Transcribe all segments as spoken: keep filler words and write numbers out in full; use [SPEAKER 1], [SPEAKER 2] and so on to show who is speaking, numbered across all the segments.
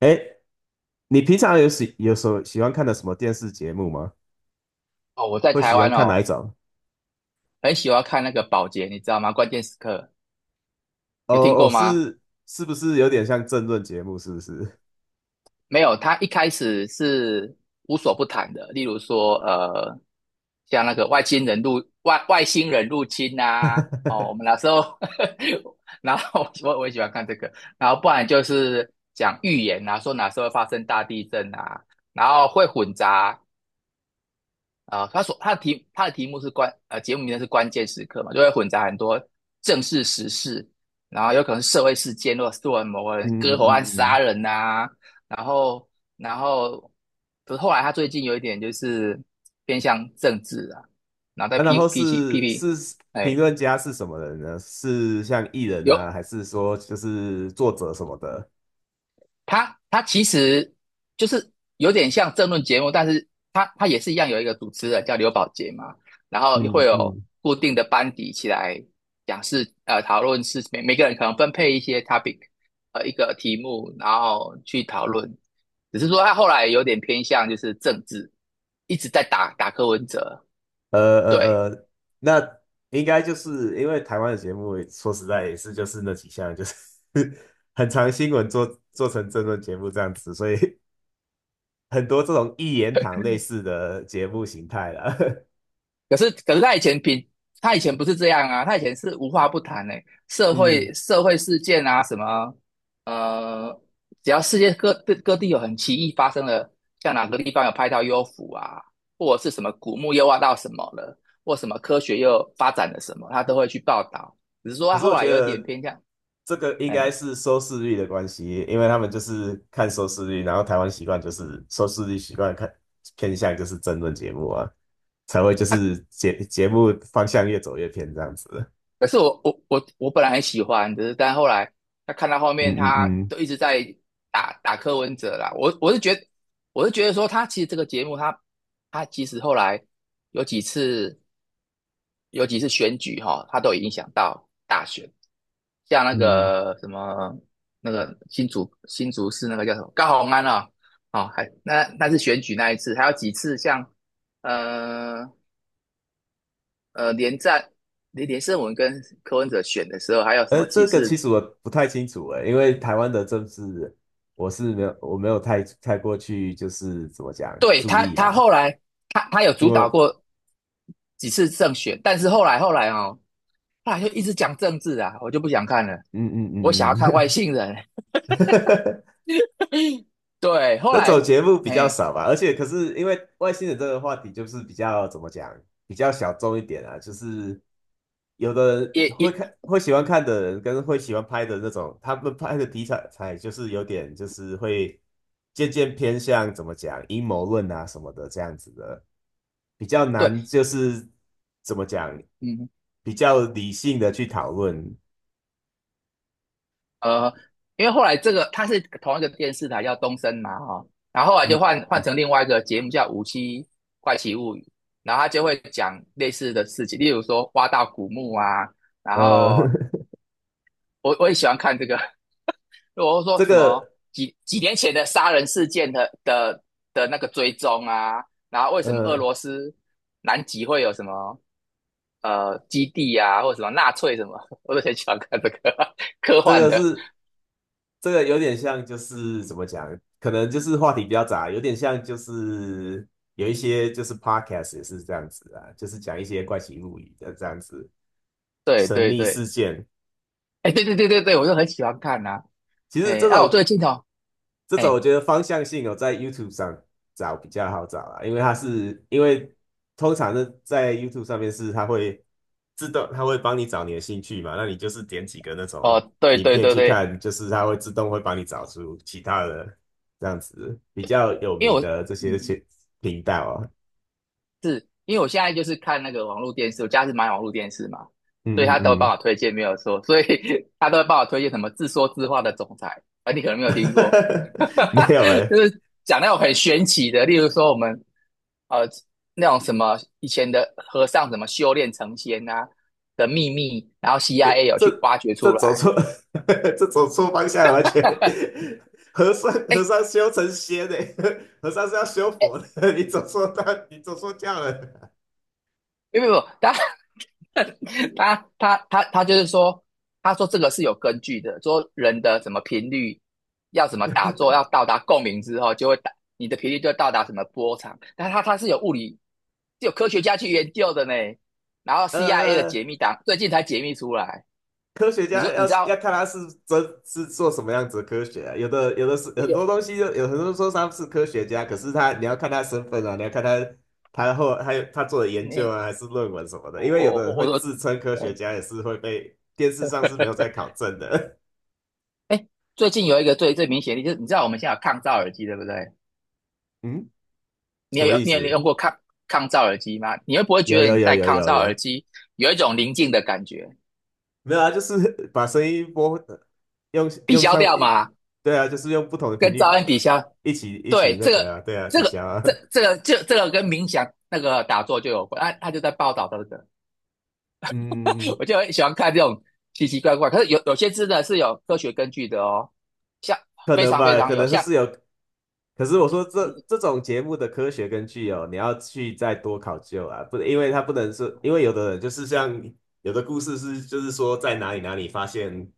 [SPEAKER 1] 哎，你平常有喜有时候喜欢看的什么电视节目吗？
[SPEAKER 2] 哦，我在
[SPEAKER 1] 会
[SPEAKER 2] 台
[SPEAKER 1] 喜欢
[SPEAKER 2] 湾
[SPEAKER 1] 看哪
[SPEAKER 2] 哦，
[SPEAKER 1] 一种？
[SPEAKER 2] 很喜欢看那个宝洁，你知道吗？关键时刻
[SPEAKER 1] 哦
[SPEAKER 2] 有听
[SPEAKER 1] 哦，
[SPEAKER 2] 过吗？
[SPEAKER 1] 是是不是有点像政论节目？是不是？
[SPEAKER 2] 没有，他一开始是无所不谈的，例如说，呃，像那个外星人入外外星人入侵啊，哦，我们 那时候，然后我我也喜欢看这个，然后不然就是讲预言啊，说哪时候会发生大地震啊，然后会混杂啊，他所他的题他的题目是关呃节目名称是关键时刻嘛，就会混杂很多正式时事，然后有可能是社会事件，或者做某个人割
[SPEAKER 1] 嗯嗯
[SPEAKER 2] 喉案
[SPEAKER 1] 嗯
[SPEAKER 2] 杀
[SPEAKER 1] 嗯。
[SPEAKER 2] 人呐、然后然后可是后来他最近有一点就是偏向政治啊，然后在
[SPEAKER 1] 啊，然
[SPEAKER 2] 批
[SPEAKER 1] 后
[SPEAKER 2] 批起批
[SPEAKER 1] 是
[SPEAKER 2] 评，
[SPEAKER 1] 是评
[SPEAKER 2] 哎，
[SPEAKER 1] 论家是什么人呢？是像艺人
[SPEAKER 2] 有
[SPEAKER 1] 啊，还是说就是作者什么的？
[SPEAKER 2] 他他其实就是有点像政论节目，但是他他也是一样有一个主持人叫刘宝杰嘛，然后会
[SPEAKER 1] 嗯
[SPEAKER 2] 有
[SPEAKER 1] 嗯。
[SPEAKER 2] 固定的班底起来讲是呃，讨论是每每个人可能分配一些 topic，呃，一个题目，然后去讨论。只是说他后来有点偏向就是政治，一直在打打柯文哲，
[SPEAKER 1] 呃
[SPEAKER 2] 对，
[SPEAKER 1] 呃呃，那应该就是因为台湾的节目，说实在也是就是那几项，就是 很长新闻做做成政论节目这样子，所以很多这种一言堂类似的节目形态了。
[SPEAKER 2] 可是可是他以前平他以前不是这样啊，他以前是无话不谈诶、社
[SPEAKER 1] 嗯，
[SPEAKER 2] 会社会事件啊什么，呃，只要世界各各各地有很奇异发生了，像哪个地方有拍到幽浮啊，或者是什么古墓又挖到什么了，或什么科学又发展了什么，他都会去报道。只是说
[SPEAKER 1] 可
[SPEAKER 2] 他
[SPEAKER 1] 是我
[SPEAKER 2] 后来
[SPEAKER 1] 觉
[SPEAKER 2] 有一点
[SPEAKER 1] 得
[SPEAKER 2] 偏向，
[SPEAKER 1] 这个应该
[SPEAKER 2] 哎、
[SPEAKER 1] 是收视率的关系，因为他们就是看收视率，然后台湾习惯就是收视率习惯看偏向就是争论节目啊，才会就是节节目方向越走越偏这样子。
[SPEAKER 2] 可是我我我我本来很喜欢，只是但后来他看到后面，
[SPEAKER 1] 嗯嗯
[SPEAKER 2] 他
[SPEAKER 1] 嗯
[SPEAKER 2] 都一直在打打柯文哲啦。我我是觉得，我是觉得说他其实这个节目他，他其实后来有几次有几次选举哈、他都有影响到大选，像那
[SPEAKER 1] 嗯，
[SPEAKER 2] 个什么那个新竹新竹市那个叫什么高虹安啊、哦，还那那是选举那一次，还有几次像呃呃，连战连连胜文跟柯文哲选的时候，还有什
[SPEAKER 1] 呃，
[SPEAKER 2] 么几
[SPEAKER 1] 这个
[SPEAKER 2] 次？
[SPEAKER 1] 其实我不太清楚诶，因为台湾的政治我是没有我没有太太过去就是怎么讲
[SPEAKER 2] 对
[SPEAKER 1] 注
[SPEAKER 2] 他，
[SPEAKER 1] 意
[SPEAKER 2] 他
[SPEAKER 1] 啦，
[SPEAKER 2] 后来他他有
[SPEAKER 1] 因
[SPEAKER 2] 主
[SPEAKER 1] 为
[SPEAKER 2] 导过几次胜选，但是后来后来哦，后来就一直讲政治啊，我就不想看了，
[SPEAKER 1] 嗯
[SPEAKER 2] 我想要
[SPEAKER 1] 嗯嗯
[SPEAKER 2] 看外
[SPEAKER 1] 嗯，
[SPEAKER 2] 星人。对，后
[SPEAKER 1] 那种
[SPEAKER 2] 来，
[SPEAKER 1] 节目比较
[SPEAKER 2] 哎，
[SPEAKER 1] 少吧，而且可是因为外星人这个话题就是比较怎么讲，比较小众一点啊，就是有的
[SPEAKER 2] 也
[SPEAKER 1] 人会
[SPEAKER 2] 也
[SPEAKER 1] 看会喜欢看的人跟会喜欢拍的那种，他们拍的题材才就是有点就是会渐渐偏向怎么讲阴谋论啊什么的这样子的，比较
[SPEAKER 2] 对，
[SPEAKER 1] 难就是怎么讲
[SPEAKER 2] 嗯，
[SPEAKER 1] 比较理性的去讨论，
[SPEAKER 2] 呃，因为后来这个它是同一个电视台叫东森嘛，哈、哦然后后来就
[SPEAKER 1] 嗯
[SPEAKER 2] 换换成另外一个节目叫《无期怪奇物语》，然后他就会讲类似的事情，例如说挖到古墓啊，然
[SPEAKER 1] 呃
[SPEAKER 2] 后 我我也喜欢看这个，我会说
[SPEAKER 1] 这
[SPEAKER 2] 什么
[SPEAKER 1] 个
[SPEAKER 2] 几几年前的杀人事件的的的那个追踪啊，然后为什么俄
[SPEAKER 1] 呃
[SPEAKER 2] 罗斯南极会有什么呃基地啊，或者什么纳粹什么，我都很喜欢看这个呵呵 科
[SPEAKER 1] 这
[SPEAKER 2] 幻
[SPEAKER 1] 个
[SPEAKER 2] 的，
[SPEAKER 1] 是这个有点像，就是怎么讲，可能就是话题比较杂，有点像就是有一些就是 podcast 也是这样子啊，就是讲一些怪奇物语的这样子
[SPEAKER 2] 对
[SPEAKER 1] 神
[SPEAKER 2] 对
[SPEAKER 1] 秘
[SPEAKER 2] 对。
[SPEAKER 1] 事件。
[SPEAKER 2] 哎，对对对对对，我就很喜欢看呐、
[SPEAKER 1] 其实
[SPEAKER 2] 哎，
[SPEAKER 1] 这
[SPEAKER 2] 啊，我最
[SPEAKER 1] 种
[SPEAKER 2] 近哦，
[SPEAKER 1] 这种我
[SPEAKER 2] 哎，
[SPEAKER 1] 觉得方向性哦，在 YouTube 上找比较好找啦，因为它是因为通常呢在 YouTube 上面是它会自动，它会帮你找你的兴趣嘛，那你就是点几个那种
[SPEAKER 2] 哦，对
[SPEAKER 1] 影
[SPEAKER 2] 对
[SPEAKER 1] 片
[SPEAKER 2] 对
[SPEAKER 1] 去
[SPEAKER 2] 对，
[SPEAKER 1] 看，就是它会自动会帮你找出其他的这样子比较有
[SPEAKER 2] 因为
[SPEAKER 1] 名
[SPEAKER 2] 我，
[SPEAKER 1] 的这些
[SPEAKER 2] 嗯，
[SPEAKER 1] 频道哦。
[SPEAKER 2] 因为我现在就是看那个网络电视，我家是买网络电视嘛，所以
[SPEAKER 1] 嗯
[SPEAKER 2] 他都会帮
[SPEAKER 1] 嗯
[SPEAKER 2] 我推荐，没有错，所以 他都会帮我推荐什么自说自话的总裁，啊，你可能没
[SPEAKER 1] 嗯，
[SPEAKER 2] 有听过，
[SPEAKER 1] 没有
[SPEAKER 2] 就
[SPEAKER 1] 诶、
[SPEAKER 2] 是讲那种很玄奇的，例如说我们呃那种什么以前的和尚怎么修炼成仙啊的秘密，然后
[SPEAKER 1] 诶，
[SPEAKER 2] C I A 有去
[SPEAKER 1] 这
[SPEAKER 2] 挖掘
[SPEAKER 1] 这
[SPEAKER 2] 出
[SPEAKER 1] 走
[SPEAKER 2] 来。
[SPEAKER 1] 错，这走错方向了，完全。和尚和
[SPEAKER 2] 哎
[SPEAKER 1] 尚修成仙呢，和尚是要修
[SPEAKER 2] 哎，
[SPEAKER 1] 佛的，你走错道，你走错教了。
[SPEAKER 2] 没有没有，他他他他他就是说，他说这个是有根据的，说人的什么频率要怎么打坐，要到达共鸣之后，就会打你的频率就会到达什么波长。但他他是有物理，是有科学家去研究的呢。然后 C I A 的
[SPEAKER 1] 呃，
[SPEAKER 2] 解密档最近才解密出来。
[SPEAKER 1] 科学
[SPEAKER 2] 你
[SPEAKER 1] 家
[SPEAKER 2] 说你
[SPEAKER 1] 要
[SPEAKER 2] 知
[SPEAKER 1] 要
[SPEAKER 2] 道
[SPEAKER 1] 看他是真是做什么样子的科学啊，有的有的是
[SPEAKER 2] 有
[SPEAKER 1] 很多
[SPEAKER 2] 有
[SPEAKER 1] 东西就，有很多人说他是科学家，可是他你要看他身份啊，你要看他他后还有他做的研究啊，
[SPEAKER 2] 你
[SPEAKER 1] 还是论文什么的，
[SPEAKER 2] 我
[SPEAKER 1] 因为有
[SPEAKER 2] 我
[SPEAKER 1] 的人
[SPEAKER 2] 我我
[SPEAKER 1] 会
[SPEAKER 2] 说，
[SPEAKER 1] 自称科学
[SPEAKER 2] 哎
[SPEAKER 1] 家，也是会被电视上是没有在 考证的。
[SPEAKER 2] 哎，最近有一个最最明显的就是你知道我们现在有抗噪耳机对不对？
[SPEAKER 1] 嗯，
[SPEAKER 2] 你
[SPEAKER 1] 什么
[SPEAKER 2] 有
[SPEAKER 1] 意
[SPEAKER 2] 你有
[SPEAKER 1] 思？
[SPEAKER 2] 用过抗抗噪耳机吗？你会不会觉
[SPEAKER 1] 有
[SPEAKER 2] 得你
[SPEAKER 1] 有有
[SPEAKER 2] 戴
[SPEAKER 1] 有
[SPEAKER 2] 抗
[SPEAKER 1] 有
[SPEAKER 2] 噪耳
[SPEAKER 1] 有，
[SPEAKER 2] 机有一种宁静的感觉？
[SPEAKER 1] 没有啊，就是 把声音播，用
[SPEAKER 2] 抵
[SPEAKER 1] 用
[SPEAKER 2] 消
[SPEAKER 1] 像，
[SPEAKER 2] 掉嘛，
[SPEAKER 1] 对啊，就是用不同的频
[SPEAKER 2] 跟
[SPEAKER 1] 率
[SPEAKER 2] 噪音抵消。
[SPEAKER 1] 一起一
[SPEAKER 2] 对，
[SPEAKER 1] 起那
[SPEAKER 2] 这
[SPEAKER 1] 个
[SPEAKER 2] 个
[SPEAKER 1] 啊，对啊，
[SPEAKER 2] 这
[SPEAKER 1] 抵
[SPEAKER 2] 个
[SPEAKER 1] 消啊，
[SPEAKER 2] 这这 个这这个跟冥想那个打坐就有关。他啊他就在报道的这个，
[SPEAKER 1] 嗯，
[SPEAKER 2] 我就很喜欢看这种奇奇怪怪。可是有有些真的是有科学根据的哦，像
[SPEAKER 1] 可
[SPEAKER 2] 非
[SPEAKER 1] 能
[SPEAKER 2] 常非
[SPEAKER 1] 吧，
[SPEAKER 2] 常
[SPEAKER 1] 可
[SPEAKER 2] 有，
[SPEAKER 1] 能
[SPEAKER 2] 像
[SPEAKER 1] 是有可是我说这这种节目的科学根据哦，你要去再多考究啊，不，因为它不能是，因为有的人就是像有的故事是，就是说在哪里哪里发现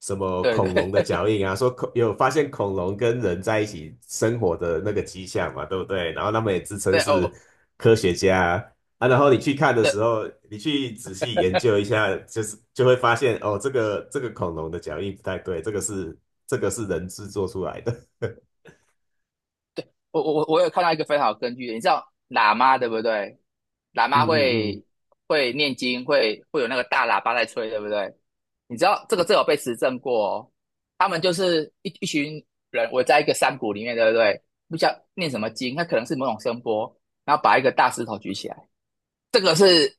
[SPEAKER 1] 什么
[SPEAKER 2] 对
[SPEAKER 1] 恐龙的
[SPEAKER 2] 对
[SPEAKER 1] 脚印啊，说恐有发现恐龙跟人在一起生活的那个迹象嘛，对不对？然后他们也自称
[SPEAKER 2] 对
[SPEAKER 1] 是
[SPEAKER 2] 哦
[SPEAKER 1] 科学家啊，啊然后你去看的时
[SPEAKER 2] 对
[SPEAKER 1] 候，你去仔细研究一下，就是就会发现哦，这个这个恐龙的脚印不太对，这个是这个是人制作出来的。
[SPEAKER 2] 我我我我有看到一个非常好的根据的，你知道喇嘛对不对？喇
[SPEAKER 1] 嗯
[SPEAKER 2] 嘛
[SPEAKER 1] 嗯嗯，
[SPEAKER 2] 会会念经，会会有那个大喇叭在吹，对不对？你知道这个这有被实证过哦，他们就是一一群人围在一个山谷里面，对不对？不知道念什么经，它可能是某种声波，然后把一个大石头举起来，这个是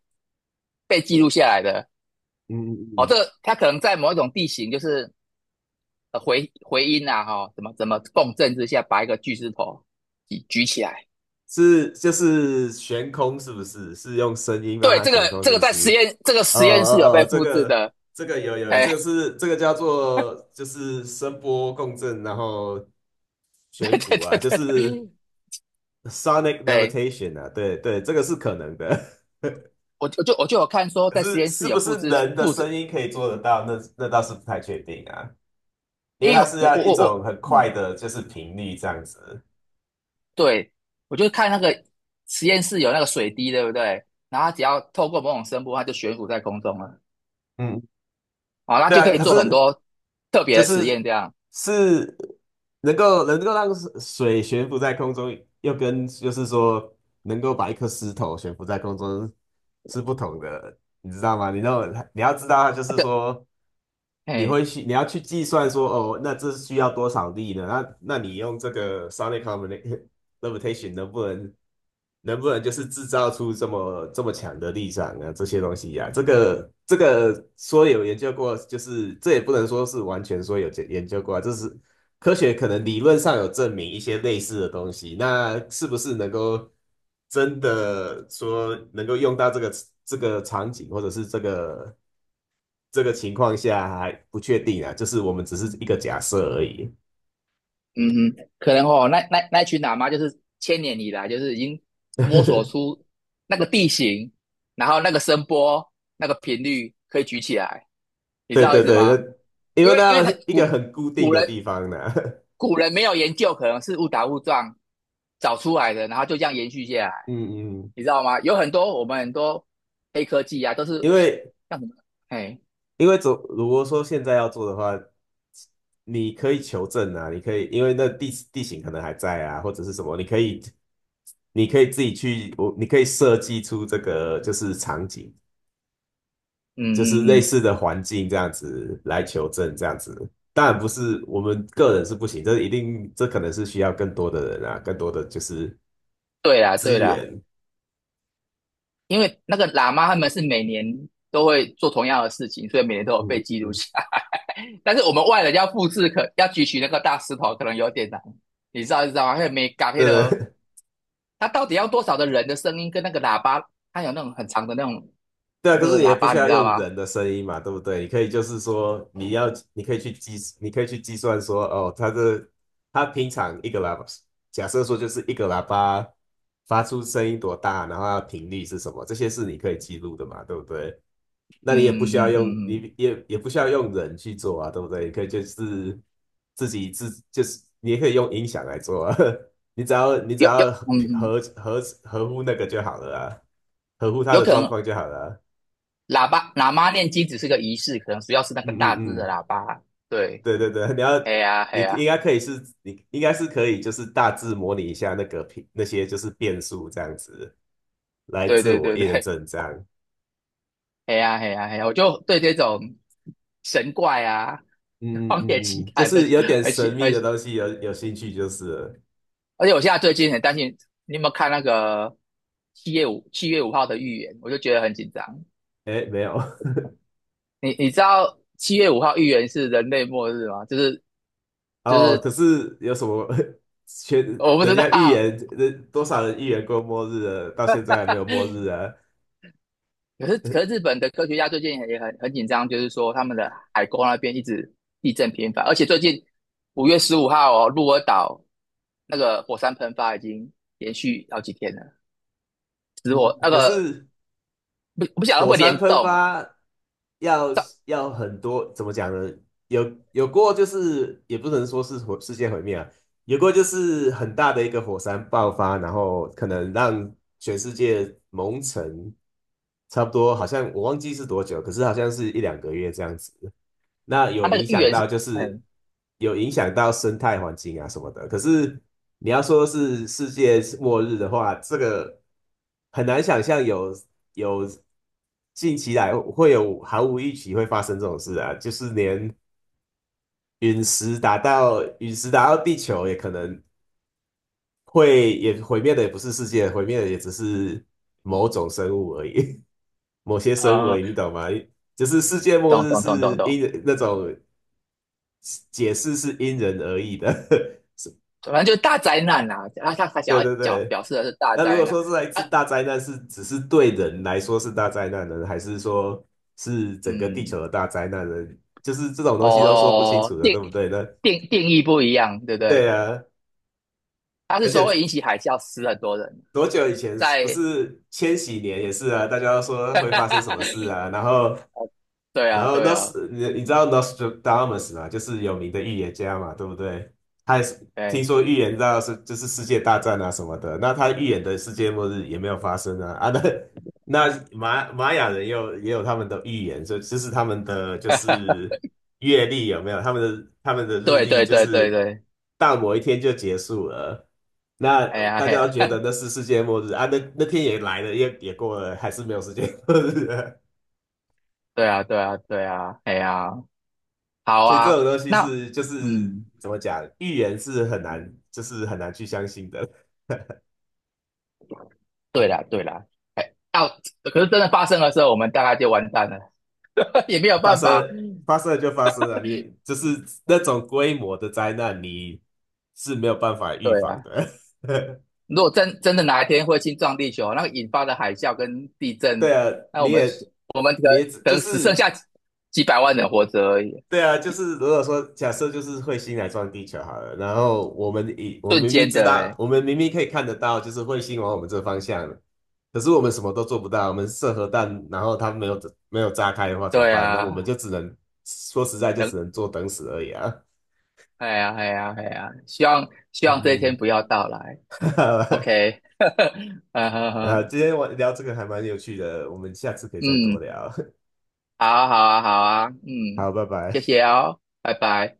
[SPEAKER 2] 被记录下来的
[SPEAKER 1] 嗯嗯
[SPEAKER 2] 哦。
[SPEAKER 1] 嗯，
[SPEAKER 2] 这个它可能在某一种地形，就是呃回回音啊，哈、哦怎么怎么共振之下，把一个巨石头举举起来。
[SPEAKER 1] 是就是悬空是不是？是用声音让
[SPEAKER 2] 对，
[SPEAKER 1] 它
[SPEAKER 2] 这个
[SPEAKER 1] 悬空
[SPEAKER 2] 这
[SPEAKER 1] 是
[SPEAKER 2] 个
[SPEAKER 1] 不
[SPEAKER 2] 在实
[SPEAKER 1] 是？
[SPEAKER 2] 验这个
[SPEAKER 1] 呃
[SPEAKER 2] 实验室有
[SPEAKER 1] 呃
[SPEAKER 2] 被
[SPEAKER 1] 呃，这
[SPEAKER 2] 复制
[SPEAKER 1] 个
[SPEAKER 2] 的，
[SPEAKER 1] 这个有有，这
[SPEAKER 2] 哎，
[SPEAKER 1] 个是这个叫做就是声波共振，然后 悬
[SPEAKER 2] 对对
[SPEAKER 1] 浮啊，
[SPEAKER 2] 对
[SPEAKER 1] 就
[SPEAKER 2] 对
[SPEAKER 1] 是
[SPEAKER 2] 对，
[SPEAKER 1] sonic
[SPEAKER 2] 对
[SPEAKER 1] levitation 啊，对对，这个是可能的。
[SPEAKER 2] 我就我就我就有看说
[SPEAKER 1] 可
[SPEAKER 2] 在实
[SPEAKER 1] 是
[SPEAKER 2] 验室
[SPEAKER 1] 是
[SPEAKER 2] 有
[SPEAKER 1] 不是
[SPEAKER 2] 复制
[SPEAKER 1] 人的
[SPEAKER 2] 复制，
[SPEAKER 1] 声音可以做得到？那那倒是不太确定啊，因
[SPEAKER 2] 因
[SPEAKER 1] 为
[SPEAKER 2] 为
[SPEAKER 1] 它是
[SPEAKER 2] 我
[SPEAKER 1] 要
[SPEAKER 2] 我
[SPEAKER 1] 一
[SPEAKER 2] 我我，
[SPEAKER 1] 种很
[SPEAKER 2] 嗯，
[SPEAKER 1] 快的，就是频率这样子。
[SPEAKER 2] 对，我就看那个实验室有那个水滴，对不对？然后它只要透过某种声波，它就悬浮在空中了，
[SPEAKER 1] 嗯，
[SPEAKER 2] 好，那
[SPEAKER 1] 对
[SPEAKER 2] 就
[SPEAKER 1] 啊，
[SPEAKER 2] 可以
[SPEAKER 1] 可
[SPEAKER 2] 做很
[SPEAKER 1] 是
[SPEAKER 2] 多特别
[SPEAKER 1] 就
[SPEAKER 2] 的实
[SPEAKER 1] 是
[SPEAKER 2] 验，这样，
[SPEAKER 1] 是能够能够让水水悬浮在空中，又跟就是说能够把一颗石头悬浮在空中是不同的，你知道吗？你知道你要知道，就 是
[SPEAKER 2] 就，
[SPEAKER 1] 说你
[SPEAKER 2] 哎。
[SPEAKER 1] 会去，你要去计算说，哦，那这需要多少力呢？那那你用这个 sonic combina- limitation 能不能能不能就是制造出这么这么强的力场啊？这些东西呀、这个这个说有研究过，就是这也不能说是完全说有研研究过啊，这是科学可能理论上有证明一些类似的东西，那是不是能够真的说能够用到这个这个场景或者是这个？这个情况下还不确定啊，就是我们只是一个假设而已。
[SPEAKER 2] 嗯哼，可能哦，那那那群喇嘛就是千年以来就是已经摸索 出那个地形，然后那个声波、那个频率可以举起来，你知
[SPEAKER 1] 对
[SPEAKER 2] 道意
[SPEAKER 1] 对
[SPEAKER 2] 思
[SPEAKER 1] 对，
[SPEAKER 2] 吗？
[SPEAKER 1] 那因
[SPEAKER 2] 因
[SPEAKER 1] 为
[SPEAKER 2] 为因
[SPEAKER 1] 那
[SPEAKER 2] 为他
[SPEAKER 1] 一个
[SPEAKER 2] 古
[SPEAKER 1] 很固定
[SPEAKER 2] 古
[SPEAKER 1] 的
[SPEAKER 2] 人
[SPEAKER 1] 地方呢、
[SPEAKER 2] 古人没有研究，可能是误打误撞找出来的，然后就这样延续下来，
[SPEAKER 1] 嗯嗯，
[SPEAKER 2] 你知道吗？有很多我们很多黑科技啊，都是
[SPEAKER 1] 因为
[SPEAKER 2] 像什么，哎，
[SPEAKER 1] 因为总如果说现在要做的话，你可以求证啊，你可以因为那地地形可能还在啊，或者是什么，你可以你可以自己去，我你可以设计出这个就是场景。
[SPEAKER 2] 嗯
[SPEAKER 1] 就是
[SPEAKER 2] 嗯
[SPEAKER 1] 类
[SPEAKER 2] 嗯，
[SPEAKER 1] 似的环境这样子来求证这样子。当然不是我们个人是不行，这一定这可能是需要更多的人啊，更多的就是
[SPEAKER 2] 对啦对
[SPEAKER 1] 资
[SPEAKER 2] 啦。
[SPEAKER 1] 源。
[SPEAKER 2] 因为那个喇嘛他们是每年都会做同样的事情，所以每年都有
[SPEAKER 1] 嗯
[SPEAKER 2] 被
[SPEAKER 1] 嗯
[SPEAKER 2] 记录
[SPEAKER 1] 嗯，
[SPEAKER 2] 下来。但是我们外人要复制可，要举起那个大石头，可能有点难。你知道，你知道吗？还有没嘎黑
[SPEAKER 1] 对
[SPEAKER 2] 的，
[SPEAKER 1] 对，
[SPEAKER 2] 他到底要多少的人的声音跟那个喇叭，他有那种很长的那种
[SPEAKER 1] 对啊，可
[SPEAKER 2] 那
[SPEAKER 1] 是
[SPEAKER 2] 个
[SPEAKER 1] 你也
[SPEAKER 2] 喇
[SPEAKER 1] 不
[SPEAKER 2] 叭，
[SPEAKER 1] 需
[SPEAKER 2] 你知
[SPEAKER 1] 要
[SPEAKER 2] 道
[SPEAKER 1] 用
[SPEAKER 2] 吗？
[SPEAKER 1] 人的声音嘛，对不对？你可以就是说，你要，你可以去计，你可以去计算说，哦，他的他平常一个喇叭，假设说就是一个喇叭发出声音多大，然后它的频率是什么，这些是你可以记录的嘛，对不对？那
[SPEAKER 2] 嗯
[SPEAKER 1] 你也不需要
[SPEAKER 2] 嗯嗯
[SPEAKER 1] 用，
[SPEAKER 2] 嗯嗯，
[SPEAKER 1] 你也也不需要用人去做啊，对不对？你可以就是自己自就是你也可以用音响来做啊，你只要你只
[SPEAKER 2] 有有
[SPEAKER 1] 要
[SPEAKER 2] 嗯
[SPEAKER 1] 合
[SPEAKER 2] 嗯，
[SPEAKER 1] 合合合乎那个就好了啊，合乎他
[SPEAKER 2] 有
[SPEAKER 1] 的
[SPEAKER 2] 可
[SPEAKER 1] 状
[SPEAKER 2] 能
[SPEAKER 1] 况就好了啊
[SPEAKER 2] 喇叭喇嘛念经只是个仪式，可能主要是那
[SPEAKER 1] 嗯
[SPEAKER 2] 个大只
[SPEAKER 1] 嗯
[SPEAKER 2] 的
[SPEAKER 1] 嗯，
[SPEAKER 2] 喇叭。对，
[SPEAKER 1] 对对对，你要
[SPEAKER 2] 哎呀哎
[SPEAKER 1] 你
[SPEAKER 2] 呀，
[SPEAKER 1] 应该可以是，你应该是可以，就是大致模拟一下那个平那些就是变数这样子，来
[SPEAKER 2] 对
[SPEAKER 1] 自
[SPEAKER 2] 对
[SPEAKER 1] 我
[SPEAKER 2] 对
[SPEAKER 1] 验
[SPEAKER 2] 对，
[SPEAKER 1] 证这样。
[SPEAKER 2] 嘿呀嘿呀嘿呀，我就对这种神怪啊、
[SPEAKER 1] 嗯嗯
[SPEAKER 2] 荒野
[SPEAKER 1] 嗯
[SPEAKER 2] 奇
[SPEAKER 1] 嗯就
[SPEAKER 2] 谭的，
[SPEAKER 1] 是有点
[SPEAKER 2] 而
[SPEAKER 1] 神
[SPEAKER 2] 且
[SPEAKER 1] 秘
[SPEAKER 2] 而
[SPEAKER 1] 的
[SPEAKER 2] 且
[SPEAKER 1] 东西有有兴趣就是了，
[SPEAKER 2] 而且，我现在最近很担心，你有没有看那个七月五七月五号的预言？我就觉得很紧张。
[SPEAKER 1] 哎，没有
[SPEAKER 2] 你你知道七月五号预言是人类末日吗？就是 就
[SPEAKER 1] 哦，
[SPEAKER 2] 是
[SPEAKER 1] 可是有什么 全
[SPEAKER 2] 我不
[SPEAKER 1] 人
[SPEAKER 2] 知
[SPEAKER 1] 家预
[SPEAKER 2] 道，
[SPEAKER 1] 言，人多少人预言过末日了，到现在还没有末日啊？
[SPEAKER 2] 可是可是日 本的科学家最近也很很紧张，就是说他们的海沟那边一直地震频繁，而且最近五月十五号哦，鹿儿岛那个火山喷发已经连续好几天了。死
[SPEAKER 1] 嗯，
[SPEAKER 2] 我那
[SPEAKER 1] 可
[SPEAKER 2] 个
[SPEAKER 1] 是。
[SPEAKER 2] 不不晓得会不
[SPEAKER 1] 火
[SPEAKER 2] 会
[SPEAKER 1] 山
[SPEAKER 2] 联
[SPEAKER 1] 喷
[SPEAKER 2] 动啊？
[SPEAKER 1] 发要
[SPEAKER 2] 这
[SPEAKER 1] 要很多，怎么讲呢？有有过就是也不能说是火世界毁灭啊，有过就是很大的一个火山爆发，然后可能让全世界蒙尘，差不多好像我忘记是多久，可是好像是一两个月这样子。那有
[SPEAKER 2] 啊那个
[SPEAKER 1] 影
[SPEAKER 2] 预
[SPEAKER 1] 响
[SPEAKER 2] 言
[SPEAKER 1] 到
[SPEAKER 2] 是，
[SPEAKER 1] 就是
[SPEAKER 2] 哎
[SPEAKER 1] 有影响到生态环境啊什么的。可是你要说是世界末日的话，这个很难想象有有近期来会有毫无预期会发生这种事啊，就是连陨石打到陨石打到地球也可能会也毁灭的也不是世界，毁灭的也只是某种生物而已，某些生物
[SPEAKER 2] 啊、
[SPEAKER 1] 而
[SPEAKER 2] 呃，
[SPEAKER 1] 已，你懂吗？就是世界末
[SPEAKER 2] 懂
[SPEAKER 1] 日
[SPEAKER 2] 懂懂懂
[SPEAKER 1] 是
[SPEAKER 2] 懂，
[SPEAKER 1] 因那种。解释是因人而异的。
[SPEAKER 2] 反正就是大灾难啦、啊。啊，他他想
[SPEAKER 1] 对
[SPEAKER 2] 要
[SPEAKER 1] 对
[SPEAKER 2] 表
[SPEAKER 1] 对。
[SPEAKER 2] 表示的是大
[SPEAKER 1] 那如
[SPEAKER 2] 灾
[SPEAKER 1] 果
[SPEAKER 2] 难
[SPEAKER 1] 说这一
[SPEAKER 2] 啊，
[SPEAKER 1] 次大灾难是只是对人来说是大灾难呢，还是说是整个地
[SPEAKER 2] 嗯，
[SPEAKER 1] 球的大灾难呢？就是这种东西都说不清
[SPEAKER 2] 哦，
[SPEAKER 1] 楚的，
[SPEAKER 2] 定
[SPEAKER 1] 对不对呢？那
[SPEAKER 2] 定定义不一样，对不
[SPEAKER 1] 对
[SPEAKER 2] 对？
[SPEAKER 1] 啊，
[SPEAKER 2] 他是
[SPEAKER 1] 而
[SPEAKER 2] 说
[SPEAKER 1] 且
[SPEAKER 2] 会引起海啸，死很多人，
[SPEAKER 1] 多久以前不
[SPEAKER 2] 在，
[SPEAKER 1] 是千禧年也是啊，大家都 说
[SPEAKER 2] 哈
[SPEAKER 1] 会
[SPEAKER 2] 哈
[SPEAKER 1] 发生
[SPEAKER 2] 哈
[SPEAKER 1] 什么
[SPEAKER 2] 哈
[SPEAKER 1] 事啊，然后
[SPEAKER 2] 对啊
[SPEAKER 1] 然后
[SPEAKER 2] 对啊，
[SPEAKER 1] Nos，你你知道 Nostradamus 嘛，就是有名的预言家嘛，对不对？他也是听
[SPEAKER 2] 对，
[SPEAKER 1] 说预言到是就是世界大战啊什么的，那他预言的世界末日也没有发生啊。啊那那玛玛雅人也有也有他们的预言，所以就是他们的就 是月历有没有？他们的他们的日
[SPEAKER 2] 对
[SPEAKER 1] 历
[SPEAKER 2] 对
[SPEAKER 1] 就
[SPEAKER 2] 对对
[SPEAKER 1] 是
[SPEAKER 2] 对，
[SPEAKER 1] 到某一天就结束了，那
[SPEAKER 2] 哎呀
[SPEAKER 1] 大
[SPEAKER 2] 哎
[SPEAKER 1] 家都觉
[SPEAKER 2] 呀，
[SPEAKER 1] 得那是世界末日啊，那那天也来了，也也过了，还是没有世界末日啊
[SPEAKER 2] 对啊对啊对啊，哎呀，好
[SPEAKER 1] 所以这
[SPEAKER 2] 啊，
[SPEAKER 1] 种东西
[SPEAKER 2] 那
[SPEAKER 1] 是就是
[SPEAKER 2] 嗯。
[SPEAKER 1] 怎么讲，预言是很难，就是很难去相信的。
[SPEAKER 2] 对啦，对啦，哎，要、可是真的发生的时候，我们大概就完蛋了，也没有
[SPEAKER 1] 发
[SPEAKER 2] 办法。
[SPEAKER 1] 生发生了就发生了，你就是那种规模的灾难，你是没有办法预
[SPEAKER 2] 对
[SPEAKER 1] 防
[SPEAKER 2] 啊，
[SPEAKER 1] 的。
[SPEAKER 2] 如果真真的哪一天彗星撞地球，那个引发的海啸跟地
[SPEAKER 1] 对
[SPEAKER 2] 震，
[SPEAKER 1] 啊，
[SPEAKER 2] 那我
[SPEAKER 1] 你
[SPEAKER 2] 们
[SPEAKER 1] 也
[SPEAKER 2] 我们可能
[SPEAKER 1] 你也只
[SPEAKER 2] 可
[SPEAKER 1] 就
[SPEAKER 2] 能只剩
[SPEAKER 1] 是
[SPEAKER 2] 下几几百万人活着而已，
[SPEAKER 1] 对啊，就
[SPEAKER 2] 几
[SPEAKER 1] 是如果说假设就是彗星来撞地球好了，然后我们以我们
[SPEAKER 2] 瞬
[SPEAKER 1] 明明
[SPEAKER 2] 间
[SPEAKER 1] 知
[SPEAKER 2] 的、
[SPEAKER 1] 道，
[SPEAKER 2] 欸。
[SPEAKER 1] 我们明明可以看得到，就是彗星往我们这方向，可是我们什么都做不到，我们射核弹，然后它没有没有炸开的话怎么
[SPEAKER 2] 对
[SPEAKER 1] 办？那我们就
[SPEAKER 2] 啊，
[SPEAKER 1] 只能说实在就
[SPEAKER 2] 等，
[SPEAKER 1] 只能坐等死而已啊。
[SPEAKER 2] 哎呀，哎呀，哎呀，希望希望这一天
[SPEAKER 1] 嗯
[SPEAKER 2] 不要到来。
[SPEAKER 1] 嗯
[SPEAKER 2] OK，嗯哼
[SPEAKER 1] 啊，
[SPEAKER 2] 哼，
[SPEAKER 1] 今天我聊这个还蛮有趣的，我们下次可以再多
[SPEAKER 2] 嗯，
[SPEAKER 1] 聊。
[SPEAKER 2] 好啊，好啊，好啊，嗯，
[SPEAKER 1] 好，拜
[SPEAKER 2] 谢
[SPEAKER 1] 拜。
[SPEAKER 2] 谢哦，拜拜。